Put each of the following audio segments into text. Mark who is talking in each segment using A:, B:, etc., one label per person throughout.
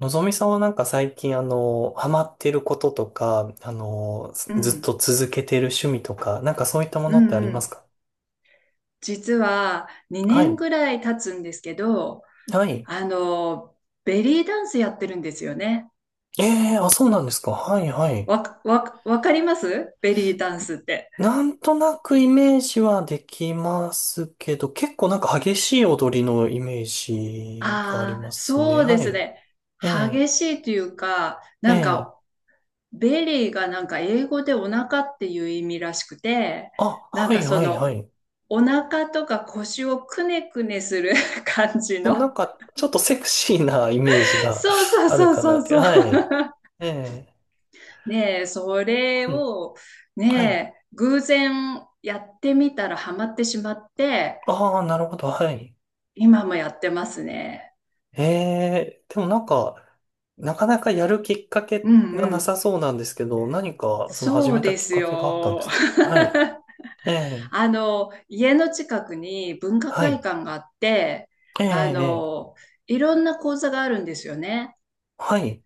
A: のぞみさんはなんか最近ハマってることとか、
B: う
A: ずっと
B: ん、
A: 続けてる趣味とか、なんかそういったも
B: う
A: のってあ
B: ん
A: り
B: う
A: ます
B: ん。
A: か？
B: 実は
A: は
B: 2年
A: い。
B: ぐらい経つんですけど、
A: はい。
B: あの、ベリーダンスやってるんですよね。
A: ええ、あ、そうなんですか。はい、はい。
B: わかりますベリーダンスって？
A: なんとなくイメージはできますけど、結構なんか激しい踊りのイメージがありま
B: ああ、
A: すね。
B: そうで
A: は
B: す
A: い。
B: ね。
A: ええ
B: 激しいというか、
A: え
B: なん
A: え、
B: か、ベリーがなんか英語でお腹っていう意味らしくて、
A: あ、
B: なん
A: は
B: か
A: い、はい、はい。
B: お腹とか腰をくねくねする 感じ
A: そう、な
B: の。
A: んかちょっとセクシーなイメージが
B: そうそう
A: ある
B: そ
A: かなっ
B: う
A: て。
B: そう
A: は
B: そう。
A: い。ええ、
B: ねえ、それ
A: はい。
B: を、
A: はい。
B: ねえ、偶然やってみたらハマってしまって、
A: ああ、なるほど、はい。
B: 今もやってますね。
A: ええ、でもなんか、なかなかやるきっか
B: う
A: け
B: ん
A: が
B: う
A: な
B: ん。
A: さそうなんですけど、何か、その始
B: そう
A: めた
B: で
A: きっ
B: す
A: かけがあったんで
B: よ。
A: すか？はい。ええ、
B: 家の近くに文化
A: は
B: 会
A: い。
B: 館があって、
A: ええ、
B: あ
A: ええ、
B: の、いろんな講座があるんですよね。
A: はい。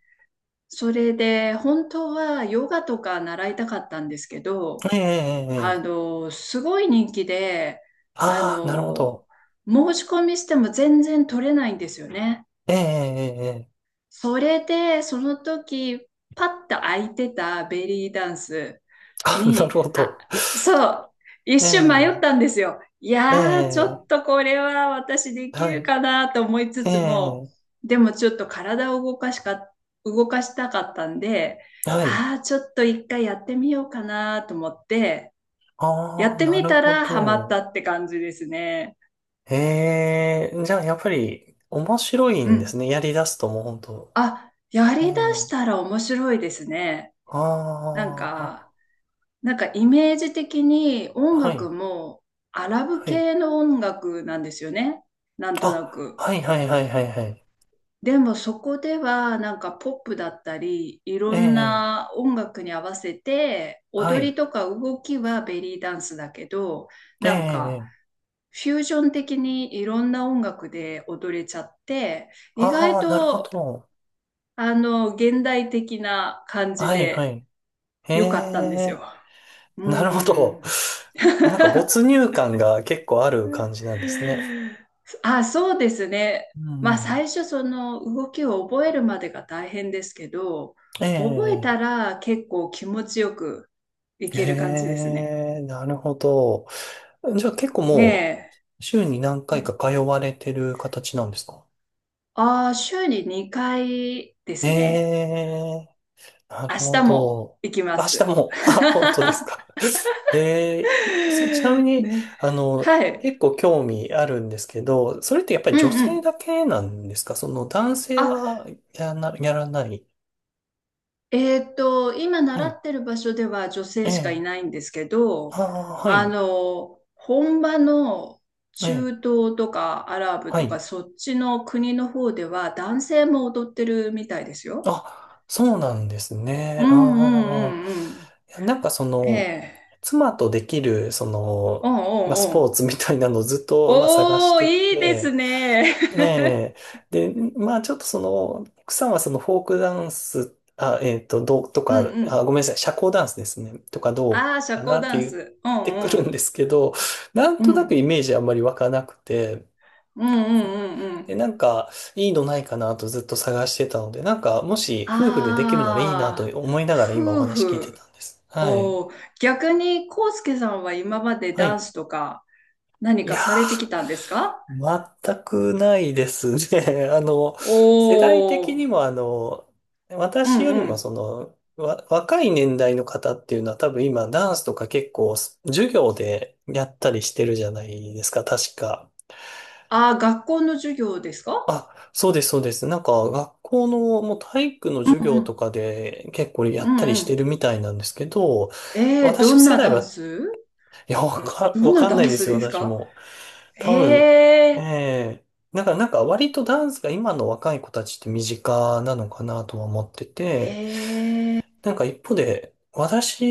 B: それで、本当はヨガとか習いたかったんですけど、
A: ええ、ええ、ええ、
B: すごい人気で、あ
A: ああ、なるほ
B: の、
A: ど。
B: 申し込みしても全然取れないんですよね。
A: ええ、ええ、ええ、
B: それで、その時、パッと空いてたベリーダンス
A: あ、なる
B: に、
A: ほ
B: あ、
A: ど。
B: そう、一
A: え
B: 瞬迷っ
A: え、
B: たんですよ。い
A: え
B: やー、ちょ
A: え、
B: っとこれは私でき
A: は
B: る
A: い。
B: かなと思いつ
A: え
B: つも、
A: え、
B: でもちょっと体を動かしたかったんで、
A: はい。
B: ちょっと一回やってみようかなと思って、や
A: あ
B: っ
A: あ、
B: て
A: な
B: み
A: る
B: た
A: ほ
B: らハマった
A: ど。
B: って感じですね。
A: ええ、じゃあやっぱり面白い
B: う
A: んです
B: ん。
A: ね。やり出すともう本当。
B: あ、や
A: え
B: りだし
A: え、
B: たら面白いですね。なん
A: あ
B: か、なんかイメージ的に音
A: あ、は
B: 楽
A: い、
B: もアラブ
A: はい。
B: 系の音楽なんですよね。なんとな
A: あ、
B: く。
A: はい、はい、はい、はい、はい。
B: でもそこではなんかポップだったり、い
A: え
B: ろん
A: え、
B: な音楽に合わせて、
A: は
B: 踊り
A: い、
B: とか動きはベリーダンスだけど、
A: え
B: なんか
A: え、
B: フュージョン的にいろんな音楽で踊れちゃって、意外
A: ああ、なるほ
B: と、
A: ど。
B: 現代的な感じ
A: はい、は
B: で
A: い。え
B: 良かったんですよ。
A: え、
B: う
A: なるほ
B: んう
A: ど。
B: ん。
A: なんか没入感が結構ある感じなんですね。
B: あ、そうですね。
A: うん
B: ま
A: う
B: あ、
A: ん。
B: 最初、その動きを覚えるまでが大変ですけど、
A: え
B: 覚え
A: え、
B: たら結構気持ちよくいける感じで
A: え
B: すね。
A: え、なるほど。じゃあ結構も
B: ね
A: う、週に何
B: え。う
A: 回か
B: ん
A: 通われてる形なんですか？
B: ああ、週に2回ですね。
A: ええ、なる
B: 明
A: ほ
B: 日も
A: ど。
B: 行きま
A: 明日
B: す。
A: も、あ、本当ですか。ちなみ に、
B: ね。はい。
A: 結構興味あるんですけど、それってやっぱ
B: う
A: り女
B: んう
A: 性
B: ん。
A: だけなんですか？その男性
B: あ、
A: はやらない。
B: 今
A: は
B: 習
A: い。
B: ってる場所では女
A: え
B: 性しかい
A: え。
B: ないんですけど、
A: ああ、はい。
B: 本場の
A: え
B: 中
A: え。
B: 東とかアラブ
A: は
B: とか
A: い。
B: そっちの国の方では男性も踊ってるみたいですよ。
A: あ、そうなんです
B: う
A: ね。
B: んうんう
A: ああ。
B: んうん。
A: いや、なんかその、
B: ねえ。
A: 妻とできる、そ
B: う
A: の、
B: んう
A: まあ、ス
B: んう
A: ポー
B: ん。
A: ツみたいなのをずっと、まあ、探し
B: おー、
A: て
B: いいです
A: て、
B: ね。
A: え え、で、まあちょっとその、奥さんはそのフォークダンス、あ、どうと
B: うん
A: か、
B: う
A: あ、
B: ん。
A: ごめんなさい、社交ダンスですね、とかど
B: ああ、
A: う
B: 社
A: かな
B: 交
A: って
B: ダン
A: 言っ
B: ス。う
A: てくる
B: んう
A: ん
B: ん。
A: ですけど、なん
B: う
A: となくイ
B: ん。
A: メージあんまり湧かなくて、
B: うんうんうんう
A: で、
B: ん。
A: なんか、いいのないかなとずっと探してたので、なんか、もし夫婦でできるならいいなと
B: ああ、
A: 思いながら今お
B: 夫
A: 話聞いて
B: 婦。
A: たんです。はい。
B: おー逆に、コウスケさんは今まで
A: は
B: ダン
A: い。
B: スとか何
A: い
B: か
A: や
B: されてきたんですか？
A: ー、全くないですね。世代的
B: おお
A: に
B: ー、
A: も
B: う
A: 私よ
B: ん
A: り
B: う
A: も
B: ん。
A: その、若い年代の方っていうのは多分今ダンスとか結構授業でやったりしてるじゃないですか、確か。
B: ああ、学校の授業ですか？
A: あ、そうです、そうです。なんか学校のもう体育の授
B: うん
A: 業
B: う
A: と
B: ん。
A: かで結構や
B: う
A: っ
B: ん
A: たり
B: う
A: して
B: ん。
A: るみたいなんですけど、
B: えー、
A: 私
B: ど
A: の
B: ん
A: 世
B: な
A: 代
B: ダン
A: は、
B: ス
A: いや、わか、
B: どん
A: わ
B: な
A: かん
B: ダ
A: ない
B: ン
A: で
B: ス
A: すよ、
B: です
A: 私
B: か？
A: も。多分、
B: え
A: え
B: え
A: え、なんか割とダンスが今の若い子たちって身近なのかなとは思って
B: ー、
A: て、
B: ええー、
A: なんか一方で、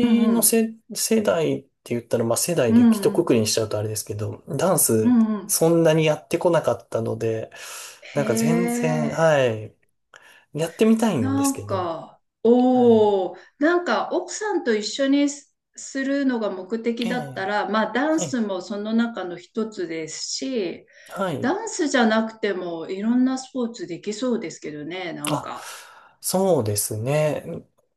B: うんう
A: の
B: ん。
A: 世代って言ったら、まあ世代
B: う
A: で
B: ん
A: 一
B: う
A: 括
B: ん。
A: りにしちゃうとあれですけど、ダン
B: う
A: ス
B: んうん。
A: そんなにやってこなかったので、な
B: へ
A: んか全然、
B: え。
A: はい、やってみたいんで
B: な
A: すけ
B: ん
A: ど、
B: か、
A: はい。
B: おお、なんか奥さんと一緒にすするのが目的
A: え
B: だった
A: え、
B: ら、まあダン
A: はい、
B: スもその中の一つですし、
A: はい。
B: ダンスじゃなくてもいろんなスポーツできそうですけどね、なん
A: あ、
B: か。
A: そうですね。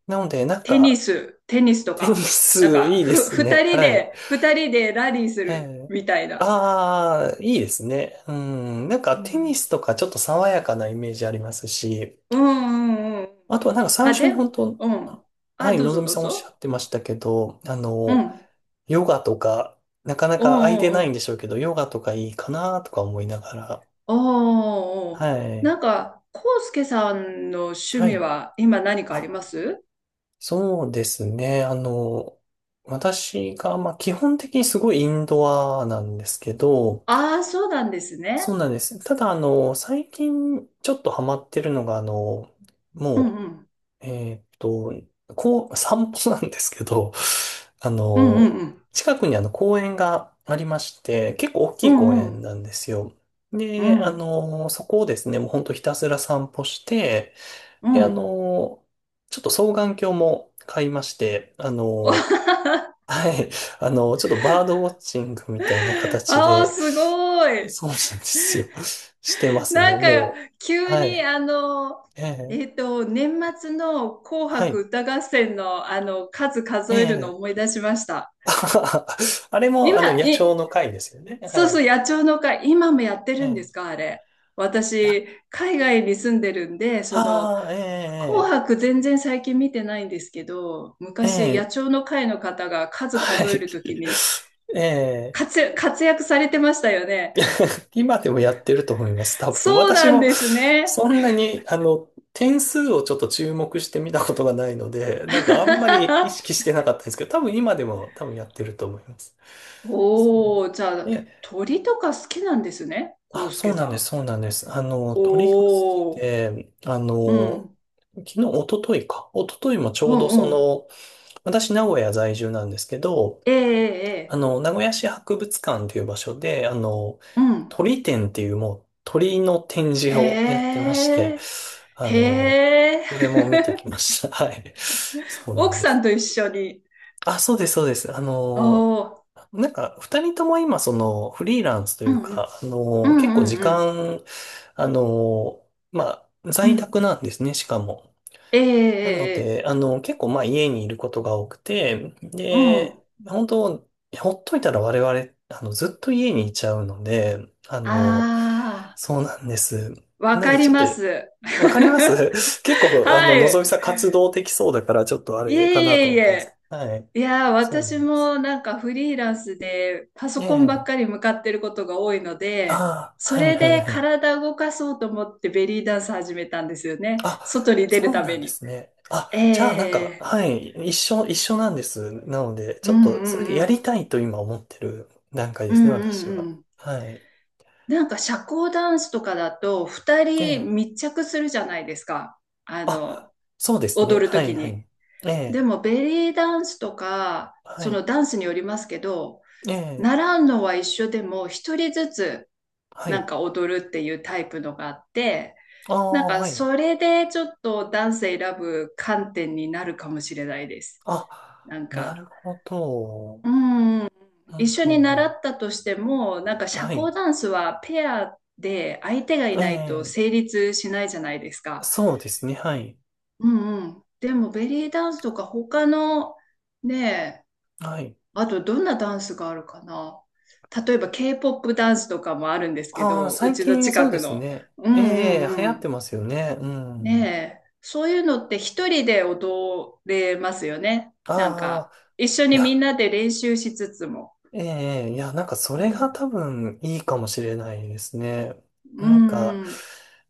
A: なので、なん
B: テニ
A: か、
B: ス、テニスと
A: テニ
B: か、なん
A: ス
B: か、
A: いいで
B: ふ、
A: す
B: 二
A: ね。
B: 人
A: はい。
B: で、二人でラリーす
A: え
B: る
A: え。
B: みたいな。
A: ああ、いいですね。うん。なんか
B: う
A: テニ
B: ん、
A: スとかちょっと爽やかなイメージありますし、
B: うんうんうん。
A: あとはなんか最
B: あ、
A: 初に
B: で、
A: 本当、
B: うん。
A: は
B: あ、
A: い、
B: どう
A: のぞ
B: ぞ
A: み
B: どう
A: さんおっしゃっ
B: ぞ。
A: てましたけど、
B: うん。
A: ヨガとか、なかな
B: う
A: か空い
B: んう
A: て
B: ん
A: な
B: う
A: いんで
B: ん。
A: しょうけど、ヨガとかいいかなとか思いながら。
B: お
A: は
B: ー、な
A: い。
B: んか、コウスケさんの趣
A: は
B: 味
A: い。
B: は今何かありま
A: あ、
B: す？
A: そうですね。私が、まあ基本的にすごいインドアなんですけど、
B: ああー、そうなんですね。
A: そうなんです。ただ、最近ちょっとハマってるのが、
B: うん
A: も
B: うん。
A: う、こう、散歩なんですけど、あ
B: うんうん
A: の、
B: うん。
A: 近くにあの公園がありまして、結構大き
B: う
A: い公
B: んう
A: 園
B: ん。
A: なんですよ。
B: う
A: で、
B: ん
A: そこをですね、もうほんとひたすら散歩して、
B: う
A: で、
B: ん。
A: ちょっと双眼鏡も買いまして、はい、ちょっとバードウォッチングみたいな形
B: ああ、
A: で、
B: すごい。
A: そうなんですよ。してますね、
B: なんか、
A: もう。
B: 急
A: は
B: に、
A: い。ええ、
B: 年末の紅
A: は
B: 白
A: い。
B: 歌合戦の、数
A: え
B: 数えるのを
A: え。
B: 思い出しました。
A: あれも、
B: 今、
A: 野鳥
B: い
A: の会ですよね。は
B: そうそ
A: い。
B: う、野鳥の会、今もやって
A: え
B: るんで
A: え。
B: すか、あれ？
A: や、
B: 私、海外に住んでるんで、
A: ああ、
B: 紅
A: え
B: 白全然最近見てないんですけど、
A: え、え
B: 昔、
A: え、
B: 野
A: ええ、
B: 鳥の会の方が数
A: は
B: 数え
A: い。
B: るとき に
A: ええ、
B: 活躍されてましたよね。
A: 今でもやってると思います、多分。
B: そう
A: 私
B: なん
A: も、
B: ですね。
A: そんなに、点数をちょっと注目してみたことがないので、なんかあんまり意識 してなかったんですけど、多分今でも多分やってると思います。そ
B: おー、じゃ
A: う。
B: あ、
A: ね。
B: 鳥とか好きなんですね、康
A: あ、そ
B: 介
A: うな
B: さ
A: んです、
B: ん。
A: そうなんです。鳥が好き
B: おー、
A: で、
B: うん、
A: 昨日、一昨日か。一昨日もち
B: う
A: ょう
B: ん、
A: どそ
B: うん。
A: の、私、名古屋在住なんですけど、
B: ええええ
A: 名古屋市博物館という場所で、
B: うん。
A: 鳥展っていうもう鳥の展示をやっ
B: へ
A: てまして、
B: え。
A: あ
B: へ
A: の、
B: え。
A: それも見て きました。はい。そうな
B: 奥
A: んで
B: さん
A: す。
B: と一緒に。
A: あ、そうです、そうです。
B: おお。
A: なんか、二人とも今、その、フリーランスと
B: う
A: い
B: ん
A: う
B: うん。
A: か、
B: う
A: 結
B: ん
A: 構
B: うん
A: 時
B: うん。
A: 間、あのまあ、
B: う
A: 在宅
B: ん。
A: なんですね、しかも。
B: えええ
A: なの
B: えええ。
A: で、結構まあ家にいることが多くて、
B: うん。
A: で、本当、ほっといたら我々、ずっと家にいちゃうので、あの、
B: ああ、
A: そうなんです。
B: わ
A: なの
B: か
A: でち
B: り
A: ょっと、
B: ます。
A: わかりま す 結構、
B: は
A: のぞ
B: い。
A: みさん活動的そうだから、ちょっとあ
B: い
A: れか
B: え
A: なと
B: いえい
A: 思ったんですけ
B: え。
A: ど。はい。
B: いやー、
A: そうな
B: 私
A: んです。
B: もなんかフリーランスでパ
A: え
B: ソコンばっか
A: え。
B: り向かってることが多いの
A: あ
B: で、
A: あ、
B: そ
A: はい
B: れ
A: はい
B: で
A: はい。
B: 体動かそうと思ってベリーダンス始めたんですよね。外
A: あ、
B: に出
A: そ
B: る
A: う
B: た
A: な
B: め
A: んで
B: に。
A: すね。あ、
B: え
A: じゃあなんか、
B: え
A: はい、一緒なんです。なので、
B: う
A: ちょっ
B: ん
A: と
B: う
A: それ
B: ん
A: で
B: う
A: やり
B: ん。
A: たいと今思ってる段階
B: う
A: です
B: ん
A: ね、私
B: う
A: は。
B: ん
A: はい。
B: なんか社交ダンスとかだと2
A: え
B: 人
A: え。
B: 密着するじゃないですか。あ
A: あ、
B: の、
A: そうですね。
B: 踊る
A: は
B: とき
A: い、は
B: に。
A: い。え
B: で
A: え、
B: もベリーダンスとか、
A: は
B: そ
A: い。
B: のダンスによりますけど、
A: ええ、
B: 習うのは一緒でも一人ずつ
A: は
B: なん
A: い。
B: か踊るっていうタイプのがあって、
A: あ
B: なん
A: あ、
B: か
A: はい。
B: それでちょっとダンス選ぶ観点になるかもしれないです。
A: あ、
B: なん
A: なる
B: か
A: ほど。うん
B: うん、一緒
A: う
B: に
A: んう
B: 習
A: ん。
B: ったとしても、なんか社
A: はい。
B: 交ダンスはペアで相手がい
A: え
B: ないと
A: え、
B: 成立しないじゃないですか。
A: そうですね。はい。
B: うんうん。でもベリーダンスとか他のね、
A: はい。
B: あとどんなダンスがあるかな。例えば K-POP ダンスとかもあるんですけ
A: ああ、
B: ど、う
A: 最
B: ちの
A: 近そ
B: 近
A: うで
B: く
A: す
B: の。
A: ね。
B: う
A: え
B: んうん
A: え、流行
B: う
A: って
B: ん。
A: ますよね。う
B: ね
A: ん。
B: え、そういうのって一人で踊れますよね。なん
A: ああ。
B: か一緒
A: い
B: にみん
A: や、
B: なで練習しつつも。
A: ええ、いや、なんかそ
B: う
A: れが
B: ん
A: 多分いいかもしれないですね。
B: う
A: なん
B: ん
A: か、
B: うん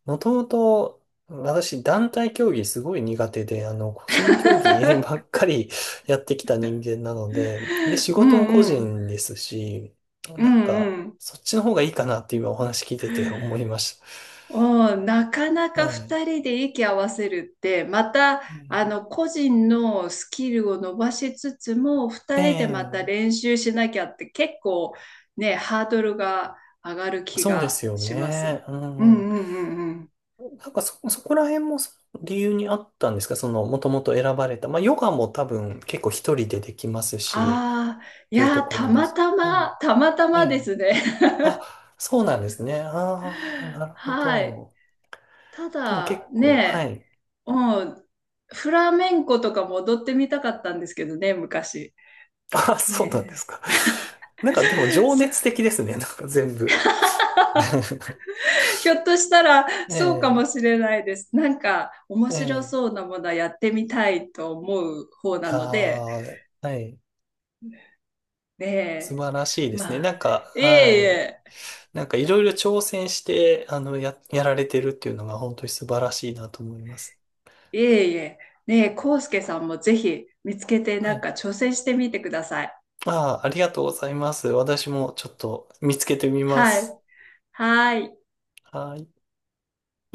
A: もともと私団体競技すごい苦手で、個人競技ばっ かりやってきた人間なので、で、仕
B: う
A: 事も個
B: んうん。
A: 人ですし、
B: う
A: なん
B: ん
A: か、
B: うん。
A: そっちの方がいいかなって今お話聞いてて思いまし
B: おーなかな
A: た。
B: か
A: はい。
B: 二人で息合わせるって、また、
A: え
B: 個人のスキルを伸ばしつつも、二人でまた
A: え、ええ、
B: 練習しなきゃって結構ね、ハードルが上がる気
A: そうで
B: が
A: すよ
B: しま
A: ね。
B: す。
A: う
B: うん
A: んう
B: う
A: ん。
B: んうんうん。
A: なんかそこら辺もその理由にあったんですか？その、もともと選ばれた。まあ、ヨガも多分結構一人でできますし、
B: ああ、
A: っ
B: い
A: ていう
B: や
A: と
B: ー、
A: こ
B: た
A: ろで
B: ま
A: すけ
B: た
A: ど。う
B: ま、
A: ん。
B: たまた
A: え
B: まで
A: え。
B: すね。
A: あ、そうなんですね。ああ、な るほ
B: はい。
A: ど。
B: た
A: でも結
B: だ
A: 構、は
B: ね、
A: い。
B: もう、フラメンコとかも踊ってみたかったんですけどね、昔。
A: あ、そうなんです
B: ね
A: か。なんかでも
B: え。
A: 情 熱的ですね。なんか全部。
B: ひょっとしたらそうか
A: え
B: もしれないです。なんか面
A: え、
B: 白
A: え
B: そ
A: え。
B: うなものはやってみたいと思う方
A: いや
B: なので、
A: ー、はい。
B: ね
A: 素
B: え。
A: 晴らしいですね。
B: ま
A: なん
B: あ、
A: か、
B: い
A: は
B: えい
A: い。
B: え、
A: なんかいろいろ挑戦して、やられてるっていうのが本当に素晴らしいなと思います。
B: いえいえ。ねえ、コウスケさんもぜひ見つけて
A: は
B: なん
A: い。
B: か挑戦してみてください。
A: ああ、ありがとうございます。私もちょっと見つけてみま
B: は
A: す。
B: い。はい。
A: はい。